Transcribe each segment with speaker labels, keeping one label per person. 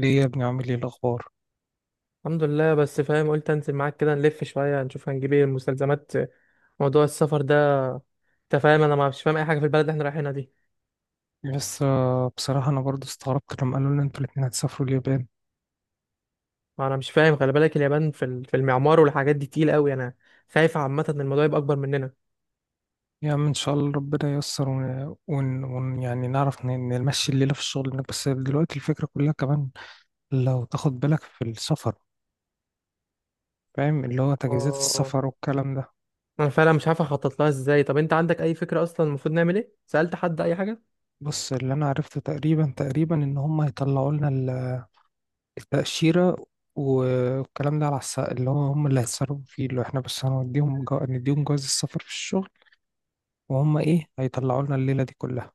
Speaker 1: ليه يا ابني؟ عامل ايه الاخبار؟
Speaker 2: الحمد لله. بس فاهم، قلت انزل معاك كده، نلف شويه نشوف هنجيب ايه المستلزمات، موضوع السفر ده. انت فاهم، انا ما مش فاهم اي حاجه في البلد اللي احنا رايحينها دي.
Speaker 1: بس بصراحه انا برضو استغربت لما قالوا لنا انتوا الاتنين هتسافروا اليابان.
Speaker 2: ما انا مش فاهم، خلي بالك اليابان في المعمار والحاجات دي تقيل قوي. انا خايف عامه ان الموضوع يبقى اكبر مننا.
Speaker 1: يا عم ان شاء الله ربنا ييسر يعني نعرف نمشي الليله في الشغل هناك. بس دلوقتي الفكره كلها كمان لو تاخد بالك في السفر، فاهم، اللي هو تجهيزات
Speaker 2: اه.
Speaker 1: السفر والكلام ده.
Speaker 2: انا فعلا مش عارف اخطط لها ازاي، طب انت عندك اي فكره؟ اصلا المفروض نعمل ايه، سالت حد اي حاجه؟
Speaker 1: بص، اللي انا عرفته تقريبا تقريبا ان هم هيطلعوا لنا التاشيره والكلام ده، على اللي هو هم اللي هيتصرفوا فيه، اللي هو احنا بس هنديهم نديهم جواز السفر في الشغل، وهم ايه هيطلعوا لنا الليله دي كلها.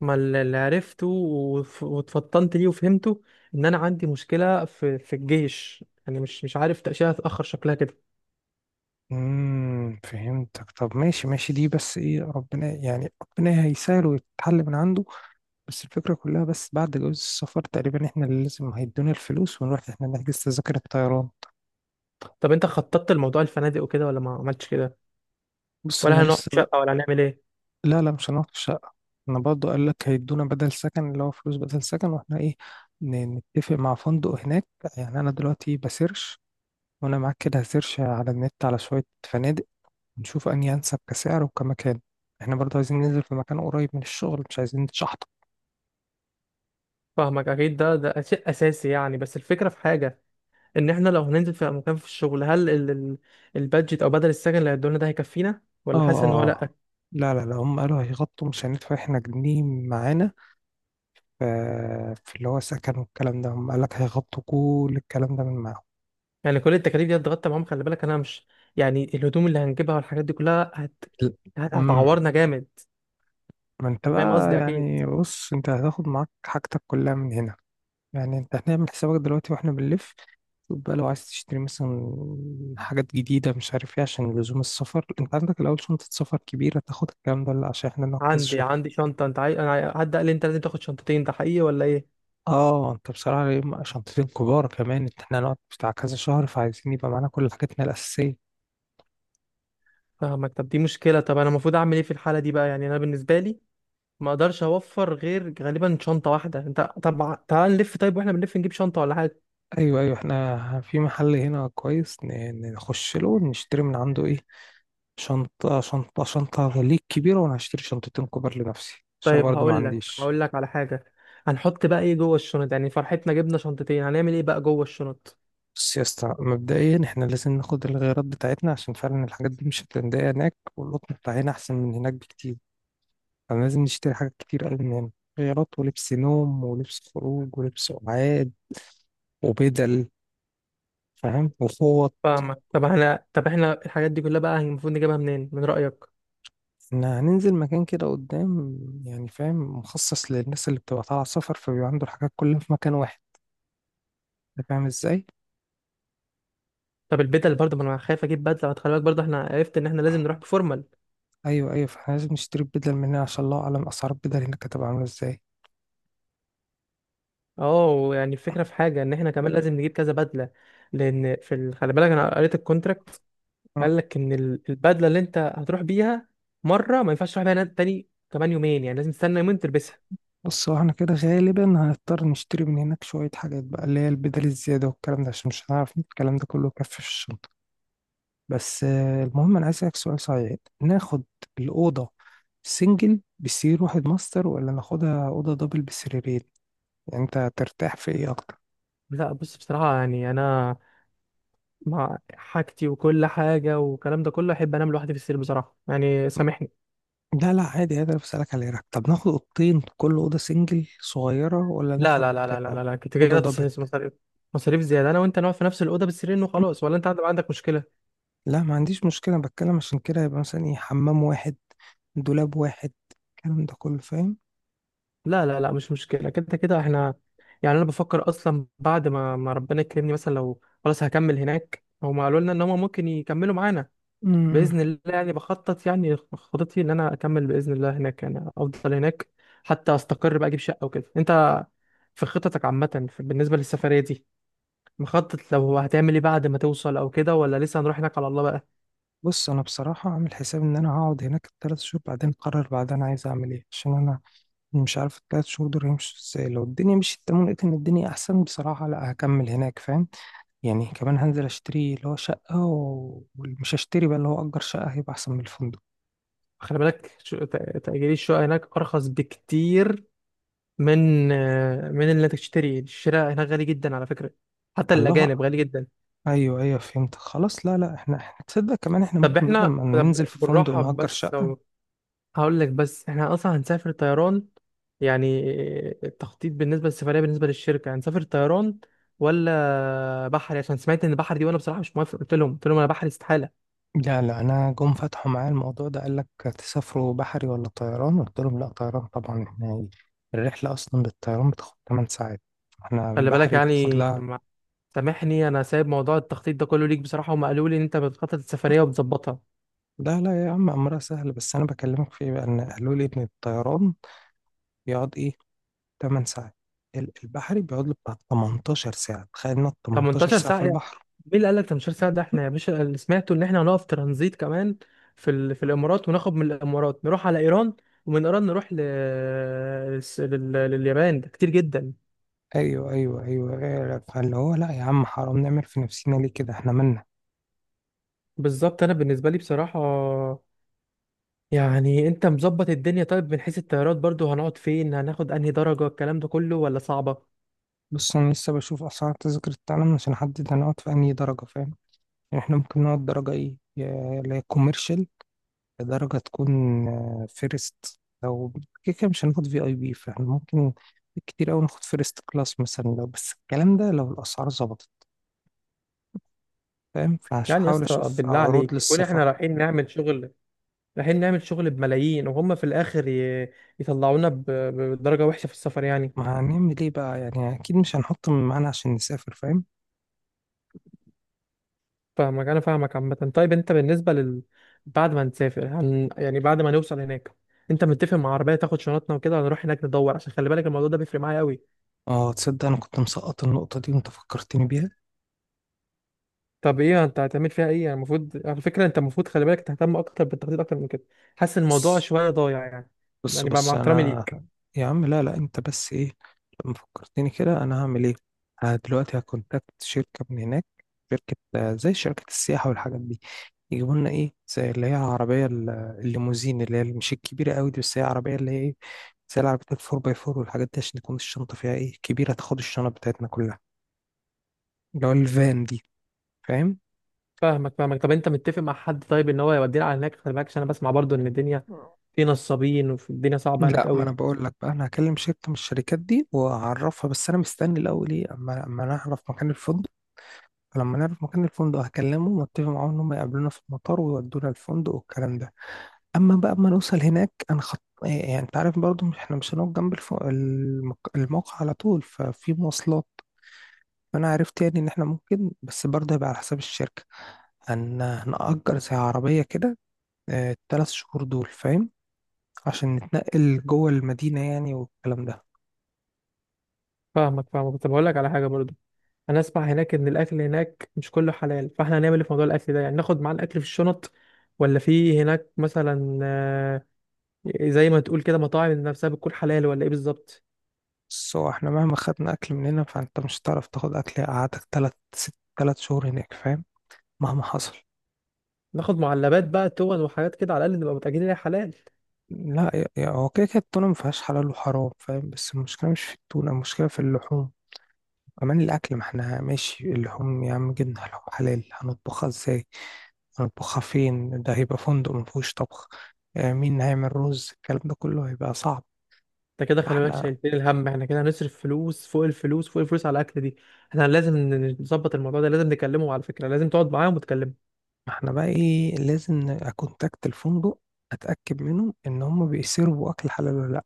Speaker 2: ما اللي عرفته واتفطنت ليه وفهمته، ان انا عندي مشكله في الجيش. يعني مش عارف، تاشيره هتتاخر شكلها كده.
Speaker 1: فهمتك. طب ماشي ماشي دي، بس ايه، ربنا، يعني ربنا هيسهل ويتحل من عنده. بس الفكرة كلها بس بعد جواز السفر تقريبا احنا اللي لازم هيدونا الفلوس ونروح احنا نحجز تذاكر الطيران.
Speaker 2: طب انت خططت لموضوع الفنادق وكده ولا ما عملتش كده؟
Speaker 1: بص انا
Speaker 2: ولا هنقعد
Speaker 1: لسه بقى.
Speaker 2: شقة ولا هنعمل ايه؟
Speaker 1: لا لا، مش هنقعد في الشقة. انا برضه قال لك هيدونا بدل سكن، اللي هو فلوس بدل سكن، واحنا ايه، نتفق مع فندق هناك. يعني انا دلوقتي بسيرش، وانا معاك كده هسيرش على النت على شوية فنادق، نشوف أنهي أنسب كسعر وكمكان. إحنا برضه عايزين ننزل في مكان قريب من الشغل، مش عايزين نتشحطط.
Speaker 2: فاهمك، اكيد ده شيء اساسي يعني. بس الفكرة في حاجة، ان احنا لو هننزل في مكان في الشغل، هل البادجت او بدل السكن اللي هيدولنا ده هيكفينا، ولا
Speaker 1: آه
Speaker 2: حاسس ان هو لا؟
Speaker 1: آه. لا لا لا، هم قالوا هيغطوا، مش هندفع إحنا جنيه معانا ف- في اللي هو سكن والكلام ده. هم قالك هيغطوا كل الكلام ده من معاهم.
Speaker 2: يعني كل التكاليف دي اتغطى معاهم؟ خلي بالك انا مش، يعني الهدوم اللي هنجيبها والحاجات دي كلها هت هت-
Speaker 1: امم
Speaker 2: هتعورنا جامد.
Speaker 1: ما انت
Speaker 2: فاهم
Speaker 1: بقى،
Speaker 2: قصدي اكيد.
Speaker 1: يعني بص، انت هتاخد معاك حاجتك كلها من هنا. يعني انت هنعمل حسابك دلوقتي واحنا بنلف، شوف بقى لو عايز تشتري مثلا حاجات جديدة، مش عارف ايه، عشان لزوم السفر. انت عندك الأول شنطة سفر كبيرة تاخد الكلام ده ولا عشان احنا نقعد كذا
Speaker 2: عندي
Speaker 1: شهر؟
Speaker 2: عندي شنطة. انت عاي... انا عاي- حد قال لي انت لازم تاخد شنطتين، ده حقيقي ولا ايه؟
Speaker 1: اه، انت بصراحة يبقى شنطتين كبار كمان. انت احنا هنقعد بتاع كذا شهر، فعايزين يبقى معانا كل حاجاتنا الأساسية.
Speaker 2: فاهمك، طب دي مشكلة. طب انا المفروض اعمل ايه في الحالة دي بقى؟ يعني انا بالنسبة لي ما اقدرش اوفر غير غالبا شنطه واحده. انت، طب تعال نلف، طيب واحنا بنلف نجيب شنطه ولا حاجه.
Speaker 1: ايوه ايوه، احنا في محل هنا كويس، نخش له نشتري من عنده ايه، شنطة ليك كبيرة، وانا هشتري شنطتين كبار لنفسي عشان
Speaker 2: طيب،
Speaker 1: برضه ما
Speaker 2: هقول لك
Speaker 1: عنديش.
Speaker 2: هقول لك على حاجه. هنحط بقى ايه جوه الشنط؟ يعني فرحتنا جبنا شنطتين، هنعمل ايه بقى جوه الشنط؟
Speaker 1: بص يا اسطى، مبدئيا احنا لازم ناخد الغيارات بتاعتنا، عشان فعلا الحاجات دي مش هتلاقيها هناك، والقطن بتاع هنا احسن من هناك بكتير، فلازم نشتري حاجات كتير قوي من هنا: غيارات، ولبس نوم، ولبس خروج، ولبس قعاد، وبدل، فاهم، وفوط.
Speaker 2: فاهمك، طب احنا طب احنا الحاجات دي كلها بقى المفروض نجيبها منين من رايك؟
Speaker 1: احنا هننزل مكان كده قدام، يعني فاهم، مخصص للناس اللي بتبقى طالعة سفر، فبيبقى عنده الحاجات كلها في مكان واحد. انت فاهم ازاي؟
Speaker 2: طب البدل برضه، ما انا خايف اجيب بدله. خلي بالك برضه، احنا عرفت ان احنا لازم نروح بفورمال.
Speaker 1: ايوه ايوه، فاحنا لازم نشتري بدل من هنا، عشان الله اعلم اسعار البدل هناك هتبقى عاملة ازاي.
Speaker 2: اه، ويعني الفكره في حاجه، ان احنا كمان لازم نجيب كذا بدله، لان خلي بالك انا قريت الكونتراكت، قال لك ان البدله اللي انت هتروح بيها مره ما ينفعش تروح بيها تاني، كمان يومين يعني، لازم تستنى يومين تلبسها.
Speaker 1: بص، هو احنا كده غالبا هنضطر نشتري من هناك شوية حاجات بقى، اللي هي البدل الزيادة والكلام ده، عشان مش هنعرف نجيب الكلام ده كله كف في الشنطة. بس المهم أنا عايز أسألك سؤال صحيح، ناخد الأوضة سنجل بسرير واحد ماستر، ولا ناخدها أوضة دبل بسريرين؟ يعني أنت ترتاح في إيه أكتر؟
Speaker 2: لا، بص، بصراحه يعني انا مع حاجتي وكل حاجه والكلام ده كله، احب انام لوحدي في السرير بصراحه، يعني سامحني.
Speaker 1: لا لا، عادي عادي، أنا بسألك على إيه رأيك. طب ناخد أوضتين كل أوضة سنجل صغيرة، ولا
Speaker 2: لا
Speaker 1: ناخد
Speaker 2: لا لا لا لا
Speaker 1: آه،
Speaker 2: لا لا، كنت
Speaker 1: أوضة
Speaker 2: كده
Speaker 1: دبل؟
Speaker 2: تصحيح، مصاريف، مصاريف زياده. انا وانت نقعد في نفس الاوضه بالسرير وخلاص، ولا انت عندك مشكله؟
Speaker 1: لا، ما عنديش مشكلة، بتكلم عشان كده يبقى مثلا ايه، حمام واحد، دولاب واحد، الكلام ده كله فاهم.
Speaker 2: لا لا لا، مش مشكله. كده كده احنا، يعني انا بفكر اصلا بعد ما ربنا يكرمني، مثلا لو خلاص هكمل هناك، هما قالوا لنا ان هما ممكن يكملوا معانا
Speaker 1: مم.
Speaker 2: باذن الله. يعني بخطط، يعني خطتي ان انا اكمل باذن الله هناك، يعني افضل هناك حتى استقر بقى، اجيب شقه وكده. انت في خططك عامه، بالنسبه للسفريه دي، مخطط لو هتعمل ايه بعد ما توصل او كده، ولا لسه هنروح هناك على الله بقى؟
Speaker 1: بص، انا بصراحة عامل حساب ان انا هقعد هناك ال3 شهور، بعدين اقرر بعدين عايز اعمل ايه، عشان انا مش عارف ال3 شهور دول هيمشوا ازاي. لو الدنيا مشيت تمام، لقيت ان الدنيا احسن بصراحة، لا هكمل هناك، فاهم، يعني كمان هنزل اشتري اللي هو شقة و- ومش هشتري بقى، اللي هو اجر شقة هيبقى احسن من الفندق.
Speaker 2: خلي بالك تأجير الشقه هناك ارخص بكتير من اللي انت تشتري. الشراء هناك غالي جدا على فكره، حتى
Speaker 1: الله.
Speaker 2: الاجانب غالي جدا.
Speaker 1: ايوه ايوه، فهمت، خلاص، لا لا، احنا تصدق كمان احنا
Speaker 2: طب
Speaker 1: ممكن بدل
Speaker 2: احنا،
Speaker 1: ما
Speaker 2: طب
Speaker 1: ننزل في فندق
Speaker 2: بالراحه
Speaker 1: نأجر
Speaker 2: بس.
Speaker 1: شقة.
Speaker 2: هقول لك، بس احنا اصلا هنسافر طيران يعني، التخطيط بالنسبه للسفريه بالنسبه للشركه، هنسافر طيران ولا بحري؟ عشان سمعت ان البحر دي، وانا بصراحه مش موافق، قلت لهم قلت لهم انا بحري استحاله.
Speaker 1: لا لا، انا جم فتحوا معايا الموضوع ده، قال لك تسافروا بحري ولا طيران، قلت لهم لا، طيران طبعا. احنا الرحله اصلا بالطيران بتاخد 8 ساعات، احنا
Speaker 2: خلي بالك
Speaker 1: بحري بتاخد
Speaker 2: يعني
Speaker 1: لها.
Speaker 2: سامحني، انا سايب موضوع التخطيط ده كله ليك بصراحه، هم قالوا لي ان انت بتخطط السفريه وبتظبطها.
Speaker 1: لا لا يا عم، امرها سهل، بس انا بكلمك في إيه بقى، ان قالوا لي ان الطيران بيقعد ايه، 8 ساعات، البحري بيقعد له بتاع 18 ساعه. تخيل انك 18
Speaker 2: 18
Speaker 1: ساعه
Speaker 2: ساعة
Speaker 1: في
Speaker 2: يعني؟
Speaker 1: البحر!
Speaker 2: مين اللي قال لك 18 ساعة؟ ده احنا يا باشا اللي سمعته ان احنا هنقف ترانزيت كمان في الامارات، وناخد من الامارات نروح على ايران، ومن ايران نروح لليابان. ده كتير جدا.
Speaker 1: ايوه ايوه ايوه، أيوة. فاللي هو، لا يا عم، حرام نعمل في نفسنا ليه كده، احنا مالنا.
Speaker 2: بالظبط. انا بالنسبة لي بصراحة يعني، انت مظبط الدنيا. طيب، من حيث الطيارات برضو هنقعد فين؟ هناخد انهي درجة؟ الكلام ده كله ولا صعبة؟
Speaker 1: بص، انا لسه بشوف اسعار تذاكر التعلم عشان احدد انا اقعد في انهي درجه، فاهم. احنا ممكن نقعد درجة ايه، اللي هي كوميرشال، درجة تكون فيرست او كده كده. مش هناخد في اي بي، فاحنا ممكن كتير اوي ناخد فيرست كلاس مثلا، لو بس الكلام ده لو الاسعار ظبطت، فاهم،
Speaker 2: يعني يا
Speaker 1: فهحاول
Speaker 2: اسطى،
Speaker 1: اشوف
Speaker 2: بالله
Speaker 1: عروض
Speaker 2: عليك، يكون
Speaker 1: للسفر.
Speaker 2: احنا رايحين نعمل شغل، رايحين نعمل شغل بملايين، وهم في الاخر يطلعونا بدرجة وحشة في السفر يعني؟
Speaker 1: ما هنعمل ايه بقى يعني، اكيد مش هنحط من معانا عشان نسافر، فاهم.
Speaker 2: فاهمك، انا فاهمك عامه. طيب انت بالنسبه لل، بعد ما نسافر يعني بعد ما نوصل هناك، انت متفق مع عربيه تاخد شنطنا وكده هنروح هناك ندور؟ عشان خلي بالك الموضوع ده بيفرق معايا قوي.
Speaker 1: اه، تصدق انا كنت مسقط النقطة دي وانت فكرتني
Speaker 2: طب ايه انت هتعمل فيها ايه يعني؟ المفروض على فكره انت المفروض خلي بالك تهتم اكتر بالتخطيط اكتر من كده. حاسس
Speaker 1: بيها.
Speaker 2: الموضوع شويه ضايع يعني،
Speaker 1: بص
Speaker 2: يعني بقى
Speaker 1: بص
Speaker 2: مع احترامي
Speaker 1: انا،
Speaker 2: ليك.
Speaker 1: يا عم لا لا، انت بس ايه، لما فكرتني كده انا هعمل ايه. دلوقتي هكونتاكت شركه من هناك، شركه زي شركه السياحه والحاجات دي، يجيبوا لنا ايه زي اللي هي عربيه الليموزين، اللي هي مش الكبيره قوي دي، بس هي عربيه اللي هي ايه، زي العربيات الفور باي فور والحاجات دي، عشان تكون الشنطه فيها ايه كبيره، تاخد الشنط بتاعتنا كلها، اللي هو الفان دي، فاهم.
Speaker 2: فاهمك فاهمك، طب انت متفق مع حد طيب ان هو يودينا على هناك؟ خلي بالك، عشان انا بسمع برضو ان الدنيا في نصابين، والدنيا صعبه هناك
Speaker 1: لا، ما انا
Speaker 2: قوي.
Speaker 1: بقول لك بقى، انا هكلم شركه من الشركات دي واعرفها، بس انا مستني الاول ايه اما انا اعرف مكان الفندق. فلما نعرف مكان الفندق هكلمه واتفق معاهم ان هم يقابلونا في المطار ويودونا الفندق والكلام ده. اما بقى ما نوصل هناك هنخط، يعني انت عارف برضه احنا مش هنقعد جنب الموقع على طول، ففي مواصلات، فانا عرفت يعني ان احنا ممكن، بس برضه هيبقى على حساب الشركة، هنأجر زي عربية كده ال3 شهور دول، فاهم، عشان نتنقل جوه المدينة يعني والكلام ده.
Speaker 2: فاهمك فاهمك، كنت بقول لك على حاجه برضو. انا اسمع هناك ان الاكل هناك مش كله حلال، فاحنا هنعمل ايه في موضوع الاكل ده يعني؟ ناخد معانا الاكل في الشنط؟ ولا في هناك مثلا زي ما تقول كده، مطاعم نفسها بتكون حلال ولا ايه بالظبط؟
Speaker 1: بس هو احنا مهما خدنا أكل من هنا، فأنت مش هتعرف تاخد أكل قعدتك تلات ست تلات شهور هناك، فاهم، مهما حصل.
Speaker 2: ناخد معلبات بقى، تون وحاجات كده، على الاقل نبقى متاكدين انها حلال.
Speaker 1: لا هو كده كده التونة ما فيهاش حلال وحرام، فاهم، بس المشكلة مش في التونة، المشكلة في اللحوم كمان، الأكل. ما احنا ماشي اللحوم، يا عم جبنا لحوم حلال، هنطبخها ازاي، هنطبخها فين، ده هيبقى فندق ما فيهوش طبخ. مين هيعمل رز، الكلام ده كله هيبقى صعب.
Speaker 2: انت كده خلي بالك،
Speaker 1: فاحنا،
Speaker 2: شايلين الهم. احنا كده هنصرف فلوس فوق الفلوس فوق الفلوس على الاكل دي. احنا لازم نظبط الموضوع ده، لازم نكلمهم على فكره، لازم تقعد معاهم وتكلمهم.
Speaker 1: ما احنا بقى ايه، لازم اكونتاكت الفندق، اتأكد منهم ان هم بيسيرفوا أكل حلال ولا لأ،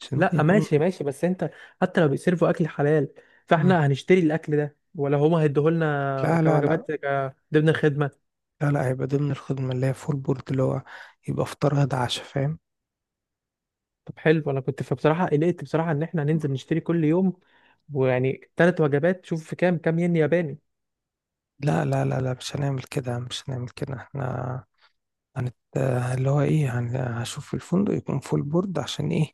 Speaker 1: عشان ممكن
Speaker 2: لا،
Speaker 1: يكونوا.
Speaker 2: ماشي ماشي، بس انت حتى لو بيسيرفوا اكل حلال،
Speaker 1: مم.
Speaker 2: فاحنا هنشتري الاكل ده ولا هما هيديهولنا
Speaker 1: لا لا لا
Speaker 2: كوجبات ضمن الخدمه؟
Speaker 1: لا لا، هيبقى ضمن الخدمة، اللي هي فول بورد، اللي هو يبقى فطار غدا عشاء، فاهم.
Speaker 2: طب حلو، انا كنت فبصراحه قلقت بصراحه ان احنا هننزل نشتري كل يوم، ويعني ثلاث وجبات، شوف في كام كام ين ياباني.
Speaker 1: لا لا لا لا، مش هنعمل كده، مش هنعمل كده، احنا هنت... اللي هو ايه، هشوف الفندق يكون فول بورد، عشان ايه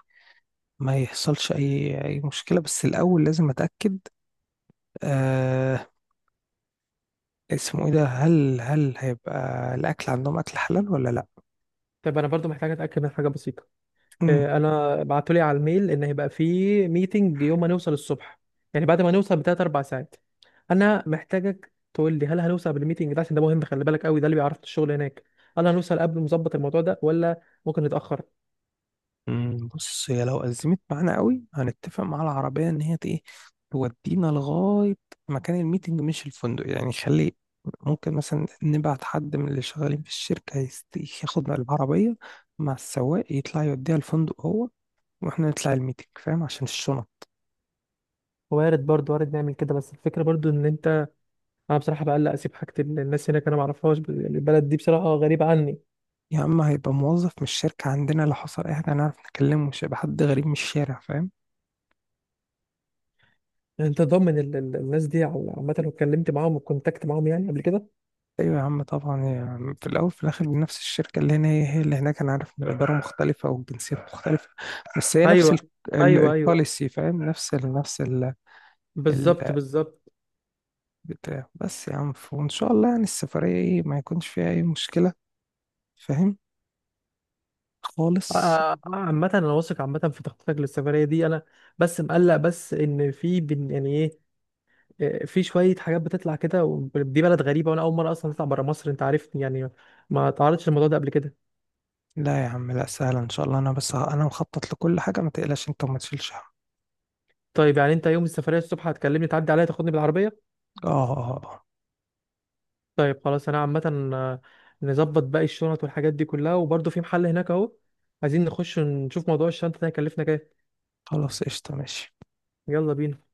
Speaker 1: ما يحصلش اي مشكلة. بس الاول لازم اتأكد، آه... اسمه ايه ده، هل هيبقى الاكل عندهم اكل حلال ولا
Speaker 2: طب انا برضو محتاج اتاكد من حاجه بسيطه.
Speaker 1: لا.
Speaker 2: انا بعتولي على الميل ان هيبقى في ميتنج يوم ما نوصل الصبح، يعني بعد ما نوصل بتلات اربع ساعات. انا محتاجك تقول لي، هل هنوصل قبل الميتنج ده؟ عشان ده مهم خلي بالك قوي، ده اللي بيعرف الشغل هناك. هل هنوصل قبل مظبط الموضوع ده ولا ممكن نتاخر؟
Speaker 1: بص، هي لو أزمت معانا قوي هنتفق مع العربية إن هي إيه، تودينا لغاية مكان الميتنج مش الفندق يعني. خلي، ممكن مثلا نبعت حد من اللي شغالين في الشركة ياخد العربية مع السواق، يطلع يوديها الفندق هو، وإحنا نطلع الميتنج، فاهم، عشان الشنط.
Speaker 2: وارد برضو، وارد نعمل كده، بس الفكره برضو ان انت، انا بصراحه بقلق اسيب حاجه، الناس هناك انا ما اعرفهاش، البلد دي بصراحه غريبه عني.
Speaker 1: يا إما هيبقى موظف من الشركة عندنا، لو حصل أي حاجة هنعرف نكلمه، مش هيبقى حد غريب من الشارع، فاهم.
Speaker 2: انت ضامن الناس دي، او عامه لو اتكلمت معاهم وكونتاكت معاهم يعني قبل كده؟
Speaker 1: ايوه يا عم طبعا، يعني في الاول في الاخر نفس الشركه، اللي هنا هي هي اللي هناك. انا عارف ان الاداره مختلفه والجنسيات مختلفه، بس هي نفس
Speaker 2: ايوه ايوه ايوه.
Speaker 1: البوليسي، فاهم، نفس ال نفس ال
Speaker 2: بالظبط
Speaker 1: ال-
Speaker 2: بالظبط.
Speaker 1: بتاع بس يا عم، وان شاء الله يعني السفريه ايه ما يكونش فيها اي مشكله، فاهم، خالص.
Speaker 2: عامة أنا واثق عامة في تخطيطك للسفرية دي أنا. بس مقلق، بس إن في يعني إيه، في شوية حاجات بتطلع كده، ودي بلد غريبة، وأنا أول مرة أصلا أطلع برا مصر، أنت عارفني يعني، ما تعرضتش للموضوع ده قبل كده.
Speaker 1: لا يا عم، لا سهله ان شاء الله، انا انا مخطط لكل حاجه، ما تقلقش انت وما تشيلش هم.
Speaker 2: طيب يعني أنت يوم السفرية الصبح هتكلمني تعدي عليا تاخدني بالعربية؟
Speaker 1: اه اه. آه. آه.
Speaker 2: طيب خلاص. أنا عامة آه، نظبط باقي الشنط والحاجات دي كلها، وبرضه في محل هناك أهو، عايزين نخش نشوف موضوع الشنطة ده هيكلفنا كام.
Speaker 1: خلاص قشطه ماشي.
Speaker 2: يلا بينا.